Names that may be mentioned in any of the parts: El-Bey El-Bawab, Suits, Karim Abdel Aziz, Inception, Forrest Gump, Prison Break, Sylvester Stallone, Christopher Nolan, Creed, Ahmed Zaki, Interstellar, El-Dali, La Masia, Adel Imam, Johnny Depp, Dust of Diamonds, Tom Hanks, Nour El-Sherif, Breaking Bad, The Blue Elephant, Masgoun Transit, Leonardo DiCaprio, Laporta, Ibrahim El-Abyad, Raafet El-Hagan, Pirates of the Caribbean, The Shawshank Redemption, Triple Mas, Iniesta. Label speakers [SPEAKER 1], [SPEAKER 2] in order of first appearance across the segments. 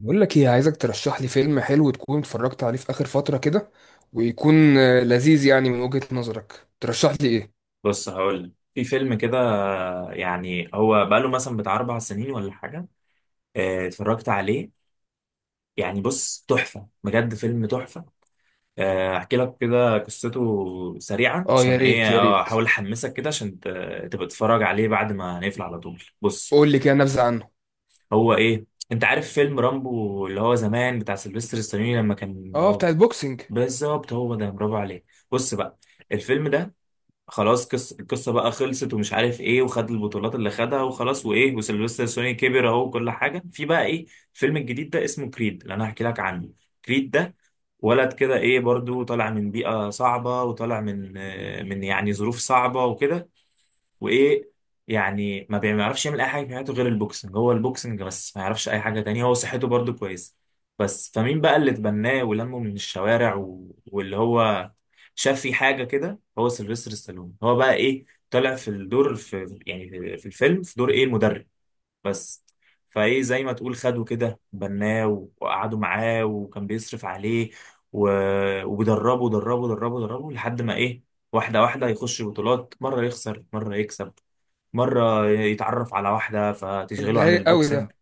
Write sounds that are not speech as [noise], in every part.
[SPEAKER 1] بقول لك ايه عايزك ترشح لي فيلم حلو تكون اتفرجت عليه في اخر فترة كده. ويكون لذيذ يعني من وجهة نظرك ترشح لي ايه.
[SPEAKER 2] بص هقول لك في فيلم كده، يعني هو بقاله مثلا بتاع 4 سنين ولا حاجه. اتفرجت عليه، يعني بص تحفه بجد، فيلم تحفه. احكي لك كده قصته سريعا
[SPEAKER 1] اه يا
[SPEAKER 2] عشان
[SPEAKER 1] ريت
[SPEAKER 2] ايه،
[SPEAKER 1] يا ريت.
[SPEAKER 2] احاول احمسك كده عشان تبقى تتفرج عليه بعد ما نقفل على طول. بص،
[SPEAKER 1] قول لي كده نبذة عنه.
[SPEAKER 2] هو ايه، انت عارف فيلم رامبو اللي هو زمان بتاع سيلفستر ستالوني لما كان
[SPEAKER 1] اه
[SPEAKER 2] هو.
[SPEAKER 1] بتاع البوكسنج.
[SPEAKER 2] بالظبط، هو ده، برافو عليك. بص بقى، الفيلم ده خلاص، القصه بقى خلصت ومش عارف ايه، وخد البطولات اللي خدها وخلاص، وايه، وسيلفستر سوني كبر اهو وكل حاجه. في بقى ايه، الفيلم الجديد ده اسمه كريد اللي انا هحكي لك عنه. كريد ده ولد كده ايه، برضو طالع من بيئه صعبه، وطالع من من يعني ظروف صعبه وكده. وايه يعني، ما بيعرفش يعمل اي حاجه في حياته غير البوكسنج، هو البوكسنج بس، ما يعرفش اي حاجه تانية، هو صحته برضو كويسه. بس فمين بقى اللي اتبناه ولمه من الشوارع واللي هو شاف فيه حاجه كده، هو سيلفستر ستالون، هو بقى ايه طلع في الدور، في يعني في الفيلم، في دور ايه، المدرب بس. فايه، زي ما تقول خده كده، بناه وقعدوا معاه وكان بيصرف عليه و... وبيدربه، دربه دربه دربه لحد ما ايه، واحدة واحدة يخش بطولات، مرة يخسر مرة يكسب، مرة يتعرف على واحدة
[SPEAKER 1] طب
[SPEAKER 2] فتشغله
[SPEAKER 1] ده
[SPEAKER 2] عن
[SPEAKER 1] رايق قوي ده.
[SPEAKER 2] البوكسنج.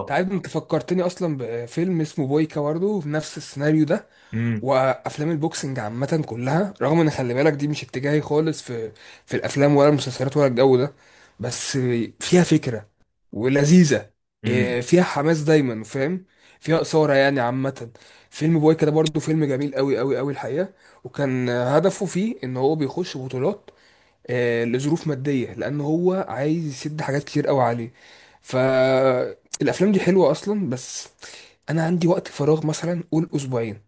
[SPEAKER 1] انت عارف، انت فكرتني اصلا بفيلم اسمه بويكا برضه في نفس السيناريو ده.
[SPEAKER 2] امم
[SPEAKER 1] وافلام البوكسنج عامه كلها، رغم ان خلي بالك دي مش اتجاهي خالص في الافلام ولا المسلسلات ولا الجو ده. بس فيها فكره ولذيذه.
[SPEAKER 2] امم
[SPEAKER 1] فيها حماس دايما، فاهم؟ فيها اثاره يعني عامه. فيلم بويكا ده برضه فيلم جميل قوي قوي قوي الحقيقه. وكان هدفه فيه ان هو بيخش بطولات، لظروف ماديه لان هو عايز يسد حاجات كتير قوي عليه. فالافلام دي حلوه اصلا. بس انا عندي وقت فراغ مثلا، قول اسبوعين،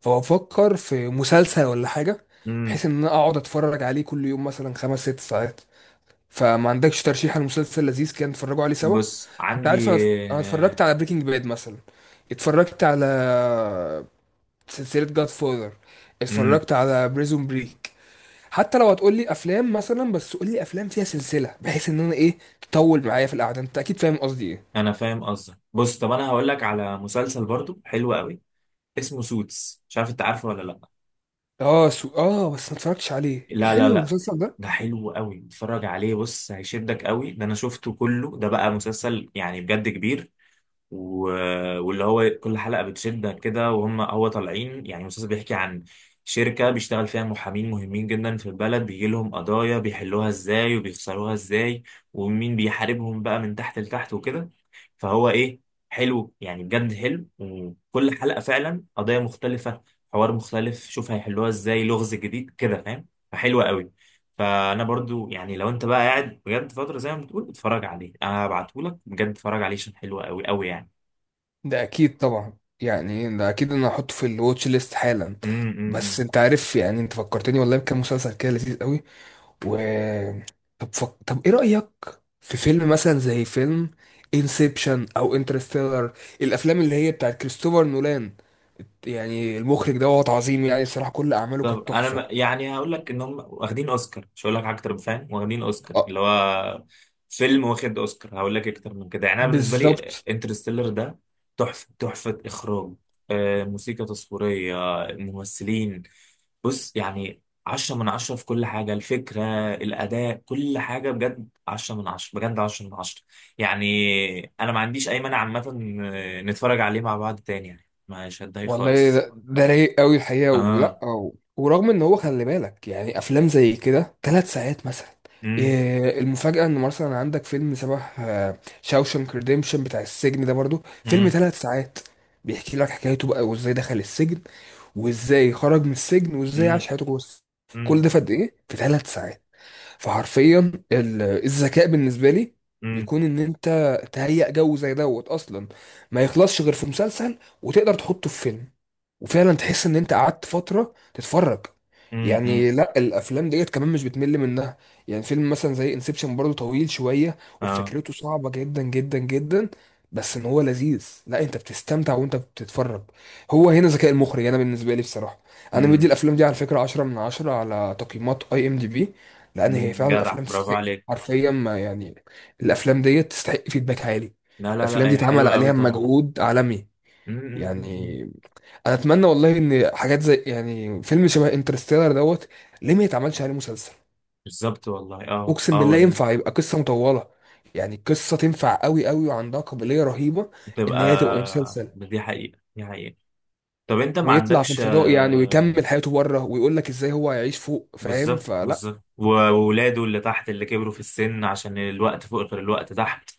[SPEAKER 1] فبفكر في مسلسل ولا حاجة.
[SPEAKER 2] امم.
[SPEAKER 1] بحيث ان انا اقعد اتفرج عليه كل يوم مثلا 5 6 ساعات. فما عندكش ترشيح لمسلسل لذيذ كان نتفرجوا عليه سوا؟
[SPEAKER 2] بص
[SPEAKER 1] انت
[SPEAKER 2] عندي.
[SPEAKER 1] عارف انا، أنا اتفرجت على بريكنج باد مثلا. اتفرجت على سلسلة جاد فاذر.
[SPEAKER 2] امم.
[SPEAKER 1] اتفرجت على بريزون بريك. حتى لو هتقول لي افلام مثلا، بس قول لي افلام فيها سلسلة، بحيث ان انا ايه، تطول معايا في القعدة. انت اكيد فاهم قصدي ايه.
[SPEAKER 2] انا فاهم قصدك. بص طب انا هقول لك على مسلسل برضو حلو قوي، اسمه سوتس، مش عارف انت عارفه ولا لا.
[SPEAKER 1] اه سو... اه بس ما اتفرجتش عليه.
[SPEAKER 2] لا لا
[SPEAKER 1] حلو
[SPEAKER 2] لا،
[SPEAKER 1] المسلسل ده؟
[SPEAKER 2] ده حلو قوي، اتفرج عليه، بص هيشدك قوي ده، انا شفته كله، ده بقى مسلسل يعني بجد كبير و... واللي هو كل حلقة بتشدك كده، وهم هو طالعين، يعني المسلسل بيحكي عن شركة بيشتغل فيها محامين مهمين جدا في البلد، بيجي لهم قضايا بيحلوها ازاي وبيخسروها ازاي، ومين بيحاربهم بقى من تحت لتحت وكده. فهو ايه، حلو يعني بجد حلو، وكل حلقة فعلا قضايا مختلفة، حوار مختلف، شوف هيحلوها ازاي، لغز جديد كده فاهم، فحلوة قوي. فانا برضو يعني لو انت بقى قاعد بجد فترة زي ما بتقول اتفرج عليه، انا هبعتهولك بجد، اتفرج عليه عشان حلو قوي قوي يعني.
[SPEAKER 1] ده اكيد طبعا، يعني ده اكيد انا هحطه في الواتش ليست حالا.
[SPEAKER 2] امم.
[SPEAKER 1] بس
[SPEAKER 2] امم.
[SPEAKER 1] انت عارف يعني، انت فكرتني والله بكام مسلسل كده لذيذ قوي. و طب ايه رأيك في فيلم مثلا زي فيلم انسبشن او انترستيلر، الافلام اللي هي بتاعت كريستوفر نولان؟ يعني المخرج دوت عظيم، يعني الصراحة كل اعماله
[SPEAKER 2] طب
[SPEAKER 1] كانت
[SPEAKER 2] انا
[SPEAKER 1] تحفة.
[SPEAKER 2] يعني هقول لك ان هم واخدين اوسكار، مش هقول لك حاجه اكتر، فاهم، واخدين اوسكار،
[SPEAKER 1] آه،
[SPEAKER 2] اللي هو فيلم واخد اوسكار، هقول لك اكتر من كده يعني، انا بالنسبه لي
[SPEAKER 1] بالظبط.
[SPEAKER 2] انترستيلر ده تحفه، تحفه اخراج، موسيقى تصويريه، ممثلين، بص يعني 10 من 10 في كل حاجة، الفكرة، الأداء، كل حاجة بجد 10 من 10، بجد 10 من 10 يعني. أنا ما عنديش أي مانع عامة، نتفرج عليه مع بعض تاني يعني، مش هتضايق
[SPEAKER 1] والله
[SPEAKER 2] خالص.
[SPEAKER 1] ده رايق قوي الحقيقه، ولا
[SPEAKER 2] اه.
[SPEAKER 1] أو ورغم ان هو خلي بالك، يعني افلام زي كده 3 ساعات مثلا.
[SPEAKER 2] مم،
[SPEAKER 1] إيه المفاجاه ان مثلا عندك فيلم شبه شاوشانك ريديمشن بتاع السجن ده برضو فيلم
[SPEAKER 2] مم،
[SPEAKER 1] 3 ساعات. بيحكي لك حكايته بقى، وازاي دخل السجن وازاي خرج من السجن وازاي
[SPEAKER 2] مم،
[SPEAKER 1] عاش حياته جوه السجن. كل
[SPEAKER 2] مم،
[SPEAKER 1] ده في قد ايه؟ في 3 ساعات. فحرفيا الذكاء بالنسبه لي
[SPEAKER 2] مم،
[SPEAKER 1] بيكون ان انت تهيأ جو زي دوت اصلا ما يخلصش غير في مسلسل وتقدر تحطه في فيلم، وفعلا تحس ان انت قعدت فتره تتفرج.
[SPEAKER 2] مم، مم.
[SPEAKER 1] يعني لا، الافلام ديت كمان مش بتمل منها. يعني فيلم مثلا زي انسبشن برضه طويل شويه
[SPEAKER 2] اه.
[SPEAKER 1] وفكرته صعبه جدا جدا جدا، بس ان هو لذيذ. لا، انت بتستمتع وانت بتتفرج. هو هنا ذكاء المخرج انا بالنسبه لي بصراحه. انا مدي
[SPEAKER 2] مم،
[SPEAKER 1] الافلام دي على فكره 10 من 10 على تقييمات اي ام دي بي، لان هي
[SPEAKER 2] مم.
[SPEAKER 1] فعلا
[SPEAKER 2] جدع،
[SPEAKER 1] افلام
[SPEAKER 2] برافو
[SPEAKER 1] تستحق.
[SPEAKER 2] عليك.
[SPEAKER 1] حرفيا ما يعني، الافلام دي تستحق فيدباك عالي.
[SPEAKER 2] لا لا لا،
[SPEAKER 1] الافلام دي
[SPEAKER 2] هي
[SPEAKER 1] اتعمل
[SPEAKER 2] حلوة قوي
[SPEAKER 1] عليها
[SPEAKER 2] طبعا.
[SPEAKER 1] مجهود عالمي.
[SPEAKER 2] مم، مم، مم، مم.
[SPEAKER 1] يعني انا اتمنى والله ان حاجات زي يعني فيلم شبه انترستيلر دوت، ليه ما يتعملش عليه مسلسل؟
[SPEAKER 2] بالظبط والله، اه
[SPEAKER 1] اقسم
[SPEAKER 2] اه
[SPEAKER 1] بالله
[SPEAKER 2] والله.
[SPEAKER 1] ينفع يبقى قصه مطوله. يعني قصه تنفع قوي قوي وعندها قابليه رهيبه ان هي تبقى
[SPEAKER 2] بتبقى.
[SPEAKER 1] مسلسل.
[SPEAKER 2] دي حقيقة دي حقيقة. طب انت ما
[SPEAKER 1] ويطلع في
[SPEAKER 2] عندكش
[SPEAKER 1] الفضاء يعني، ويكمل حياته بره، ويقول لك ازاي هو هيعيش فوق، فاهم؟
[SPEAKER 2] بالظبط
[SPEAKER 1] فلا.
[SPEAKER 2] بالظبط، وولاده اللي تحت اللي كبروا في السن عشان الوقت فوق غير الوقت تحت.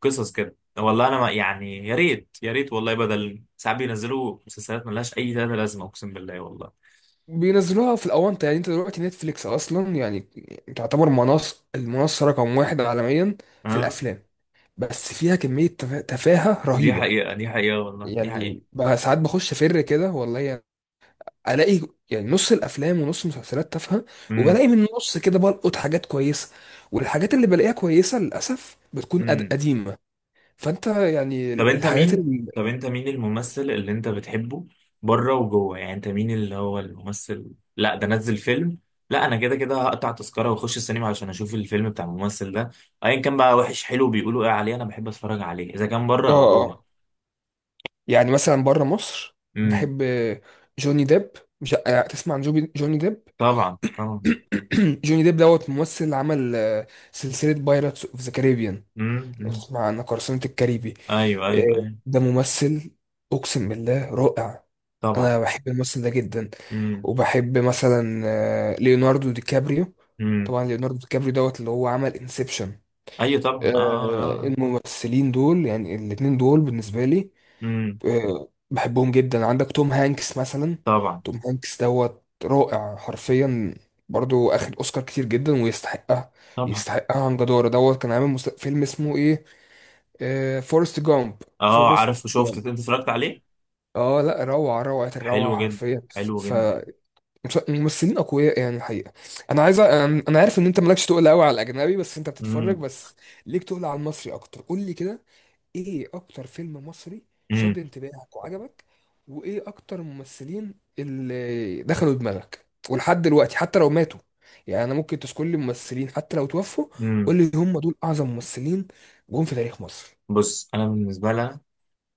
[SPEAKER 2] قصص كده، والله انا ما يعني، يا ريت يا ريت والله، بدل ساعات بينزلوا مسلسلات ملهاش اي تلاته لازمه، اقسم بالله والله.
[SPEAKER 1] بينزلوها في الاونطه يعني. انت دلوقتي نتفليكس اصلا يعني تعتبر منصه، المنصه رقم 1 عالميا في
[SPEAKER 2] اه،
[SPEAKER 1] الافلام. بس فيها كميه تفاهه
[SPEAKER 2] دي
[SPEAKER 1] رهيبه.
[SPEAKER 2] حقيقة دي حقيقة والله دي حقيقة.
[SPEAKER 1] يعني بقى ساعات بخش فر كده والله يعني، الاقي يعني نص الافلام ونص المسلسلات تافهه.
[SPEAKER 2] امم.
[SPEAKER 1] وبلاقي من النص كده بلقط حاجات كويسه. والحاجات اللي بلاقيها كويسه للاسف بتكون
[SPEAKER 2] امم.
[SPEAKER 1] قديمه. فانت يعني
[SPEAKER 2] طب انت
[SPEAKER 1] الحاجات
[SPEAKER 2] مين
[SPEAKER 1] اللي.
[SPEAKER 2] طب انت مين الممثل اللي انت بتحبه، بره وجوه، يعني انت مين اللي هو الممثل، لا ده نزل فيلم، لا انا كده كده هقطع تذكرة واخش السينما عشان اشوف الفيلم بتاع الممثل ده، ايا كان بقى، وحش حلو بيقولوا ايه عليه، انا بحب اتفرج عليه اذا كان بره
[SPEAKER 1] اه
[SPEAKER 2] او جوه.
[SPEAKER 1] اه. يعني مثلا بره مصر
[SPEAKER 2] امم.
[SPEAKER 1] بحب جوني ديب. مش تسمع عن جوني ديب؟
[SPEAKER 2] طبعا طبعا.
[SPEAKER 1] [clears throat] جوني ديب دوت ممثل اللي عمل سلسلة بايرتس اوف ذا كاريبيان.
[SPEAKER 2] امم.
[SPEAKER 1] لو
[SPEAKER 2] امم.
[SPEAKER 1] تسمع عنها، قرصنة الكاريبي.
[SPEAKER 2] ايوه ايوه ايوه.
[SPEAKER 1] ده ممثل اقسم بالله رائع.
[SPEAKER 2] طبعا.
[SPEAKER 1] انا بحب الممثل ده جدا.
[SPEAKER 2] امم.
[SPEAKER 1] وبحب مثلا ليوناردو دي كابريو.
[SPEAKER 2] امم.
[SPEAKER 1] طبعا ليوناردو دي كابريو دوت اللي هو عمل انسبشن.
[SPEAKER 2] ايوه طبعا، اه اه اه آه.
[SPEAKER 1] الممثلين دول، يعني الاتنين دول بالنسبة لي
[SPEAKER 2] امم.
[SPEAKER 1] بحبهم جدا. عندك توم هانكس مثلا.
[SPEAKER 2] طبعا.
[SPEAKER 1] توم هانكس دوت رائع حرفيا. برضو اخد اوسكار كتير جدا ويستحقها.
[SPEAKER 2] طبعا.
[SPEAKER 1] يستحقها عن جدارة دوت. كان عامل فيلم اسمه ايه، آه، فورست جامب.
[SPEAKER 2] اه
[SPEAKER 1] فورست
[SPEAKER 2] عارف، شفت
[SPEAKER 1] جامب،
[SPEAKER 2] انت اتفرجت عليه.
[SPEAKER 1] اه لا، روعة روعة الروعة
[SPEAKER 2] حلو جدا،
[SPEAKER 1] حرفيا.
[SPEAKER 2] حلو جدا.
[SPEAKER 1] فممثلين اقوياء يعني الحقيقة. انا عايز انا عارف ان انت مالكش تقول قوي على الاجنبي، بس انت بتتفرج
[SPEAKER 2] امم.
[SPEAKER 1] بس. ليك تقول على المصري اكتر. قول لي كده، ايه اكتر فيلم مصري شد
[SPEAKER 2] امم.
[SPEAKER 1] انتباهك وعجبك؟ وايه اكتر ممثلين اللي دخلوا دماغك ولحد دلوقتي حتى لو ماتوا؟ يعني انا ممكن تذكر لي ممثلين حتى لو توفوا.
[SPEAKER 2] امم.
[SPEAKER 1] قول لي هم دول اعظم ممثلين جم في تاريخ مصر.
[SPEAKER 2] بص انا بالنسبه لي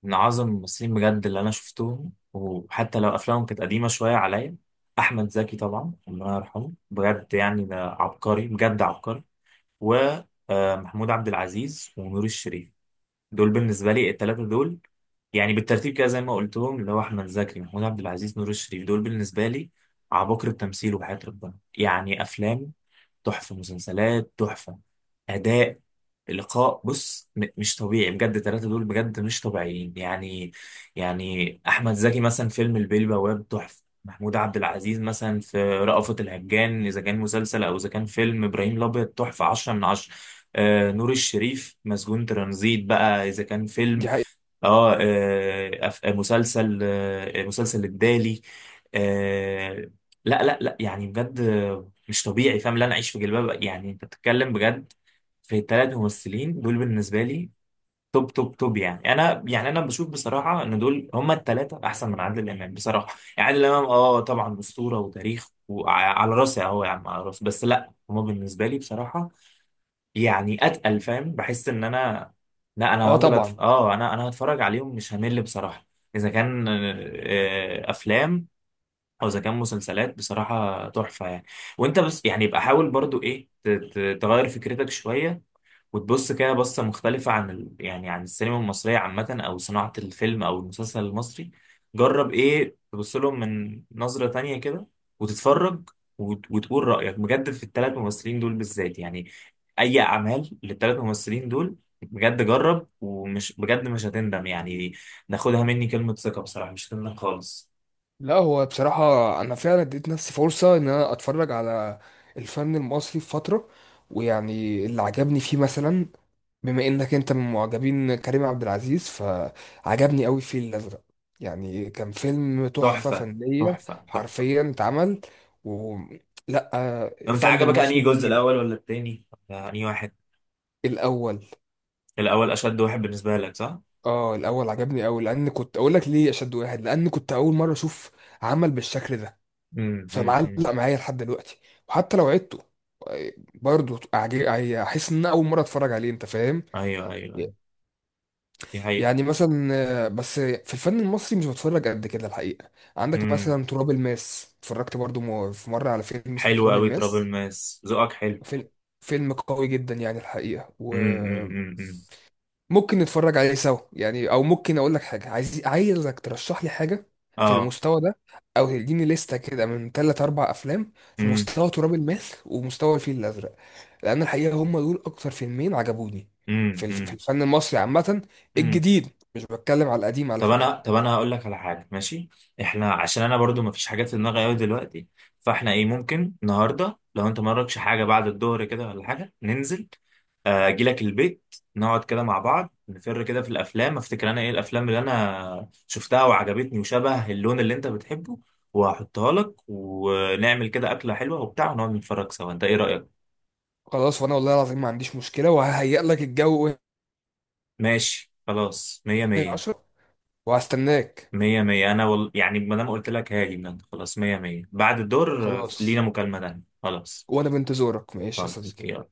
[SPEAKER 2] من اعظم الممثلين بجد اللي انا شفتهم، وحتى لو افلامهم كانت قديمه شويه عليا، احمد زكي طبعا الله يرحمه، بجد يعني ده عبقري بجد عبقري، ومحمود عبد العزيز ونور الشريف، دول بالنسبه لي الثلاثه دول، يعني بالترتيب كده زي ما قلت لهم، اللي هو احمد زكي، محمود عبد العزيز، نور الشريف، دول بالنسبه لي عباقرة التمثيل وحياة ربنا، يعني افلام تحفه، مسلسلات تحفه، اداء، لقاء، بص مش طبيعي بجد، الثلاثه دول بجد مش طبيعيين يعني. يعني احمد زكي مثلا فيلم البيه البواب تحفه، محمود عبد العزيز مثلا في رأفت الهجان اذا كان مسلسل، او اذا كان فيلم ابراهيم الابيض تحفه 10 من 10، آه نور الشريف مسجون ترانزيت بقى اذا كان فيلم،
[SPEAKER 1] دي حقيقة.
[SPEAKER 2] اه مسلسل، مسلسل الدالي، آه، لا لا لا، يعني بجد مش طبيعي فاهم، لا انا اعيش في جلباب أبي. يعني انت بتتكلم بجد في 3 ممثلين دول بالنسبه لي، توب توب توب. يعني انا بشوف بصراحه ان دول هما الثلاثه احسن من عادل امام بصراحه، يعني عادل امام اه طبعا اسطوره وتاريخ وعلى راسي اهو يا عم على راسي، بس لا هما بالنسبه لي بصراحه يعني اتقل، فاهم، بحس ان انا، لا انا
[SPEAKER 1] اه
[SPEAKER 2] هفضل، أتف...
[SPEAKER 1] طبعا.
[SPEAKER 2] اه انا انا هتفرج عليهم مش همل بصراحه، اذا كان افلام او اذا كان مسلسلات بصراحه تحفه يعني. وانت بس يعني يبقى حاول برضو ايه تغير فكرتك شويه، وتبص كده بصة مختلفة عن يعني عن السينما المصرية عامة، أو صناعة الفيلم أو المسلسل المصري، جرب إيه، تبص لهم من نظرة تانية كده وتتفرج، وتقول رأيك بجد في الـ3 ممثلين دول بالذات، يعني أي أعمال للثلاث ممثلين دول بجد جرب، ومش بجد مش هتندم يعني، ناخدها مني كلمة ثقة بصراحة مش هتندم خالص.
[SPEAKER 1] لا، هو بصراحة انا فعلا اديت نفسي فرصة ان انا اتفرج على الفن المصري في فترة. ويعني اللي عجبني فيه مثلا، بما انك انت من معجبين كريم عبد العزيز، فعجبني قوي الفيل الازرق. يعني كان فيلم تحفة
[SPEAKER 2] تحفة
[SPEAKER 1] فنية
[SPEAKER 2] تحفة تحفة.
[SPEAKER 1] حرفيا اتعمل. و لا.
[SPEAKER 2] طب أنت
[SPEAKER 1] الفن
[SPEAKER 2] عجبك أنهي
[SPEAKER 1] المصري
[SPEAKER 2] جزء،
[SPEAKER 1] بيجيب.
[SPEAKER 2] الأول ولا التاني؟ ولا أنهي واحد؟
[SPEAKER 1] الاول.
[SPEAKER 2] الأول أشد واحد بالنسبة لك صح؟
[SPEAKER 1] اه الاول عجبني قوي، لان، كنت اقول لك ليه اشد واحد، لان كنت اول مرة اشوف عمل بالشكل ده. فمعلق
[SPEAKER 2] أمم.
[SPEAKER 1] معايا لحد دلوقتي، وحتى لو عدته برضه احس ان أنا اول مرة اتفرج عليه، انت فاهم؟
[SPEAKER 2] ايوه ايوه أيوة. دي حقيقة.
[SPEAKER 1] يعني مثلا بس في الفن المصري مش بتفرج قد كده الحقيقة. عندك
[SPEAKER 2] امم.
[SPEAKER 1] مثلا تراب الماس. اتفرجت برضو في مرة على فيلم اسمه
[SPEAKER 2] حلو
[SPEAKER 1] تراب
[SPEAKER 2] قوي ترابل
[SPEAKER 1] الماس.
[SPEAKER 2] ماس، ذوقك حلو.
[SPEAKER 1] فيلم فيلم قوي جدا يعني الحقيقة. وممكن
[SPEAKER 2] أمم.
[SPEAKER 1] نتفرج عليه سوا يعني، او ممكن اقول لك حاجة، عايزك ترشح لي حاجة في
[SPEAKER 2] اه.
[SPEAKER 1] المستوى ده، او تديني لستة كده من ثلاث اربع افلام في
[SPEAKER 2] امم
[SPEAKER 1] مستوى تراب الماس ومستوى الفيل الازرق. لان الحقيقة هم دول اكتر فيلمين عجبوني في في
[SPEAKER 2] امم
[SPEAKER 1] الفن المصري عامة،
[SPEAKER 2] امم.
[SPEAKER 1] الجديد. مش بتكلم على القديم على
[SPEAKER 2] طب انا
[SPEAKER 1] فكرة.
[SPEAKER 2] طب انا هقول لك على حاجه، ماشي احنا، عشان انا برضو ما فيش حاجات في دماغي قوي دلوقتي، فاحنا ايه ممكن النهارده لو انت ما وراكش حاجه بعد الظهر كده ولا حاجه، ننزل، اجي لك البيت نقعد كده مع بعض، نفر كده في الافلام، افتكر انا ايه الافلام اللي انا شفتها وعجبتني وشبه اللون اللي انت بتحبه، وهحطها لك، ونعمل كده اكله حلوه وبتاع، ونقعد نتفرج سوا، انت ايه رايك؟
[SPEAKER 1] خلاص. وانا والله العظيم ما عنديش مشكله، وههيئ لك الجو وهي
[SPEAKER 2] ماشي خلاص، مية مية.
[SPEAKER 1] 10. وهستناك.
[SPEAKER 2] مية مية، أنا يعني ما دام قلت لك هاجي من عندك. خلاص مية مية، بعد الدور لينا
[SPEAKER 1] خلاص
[SPEAKER 2] مكالمة تانية، خلاص.
[SPEAKER 1] وانا بنتظرك ماشي يا
[SPEAKER 2] خلاص
[SPEAKER 1] صديقي.
[SPEAKER 2] يلا.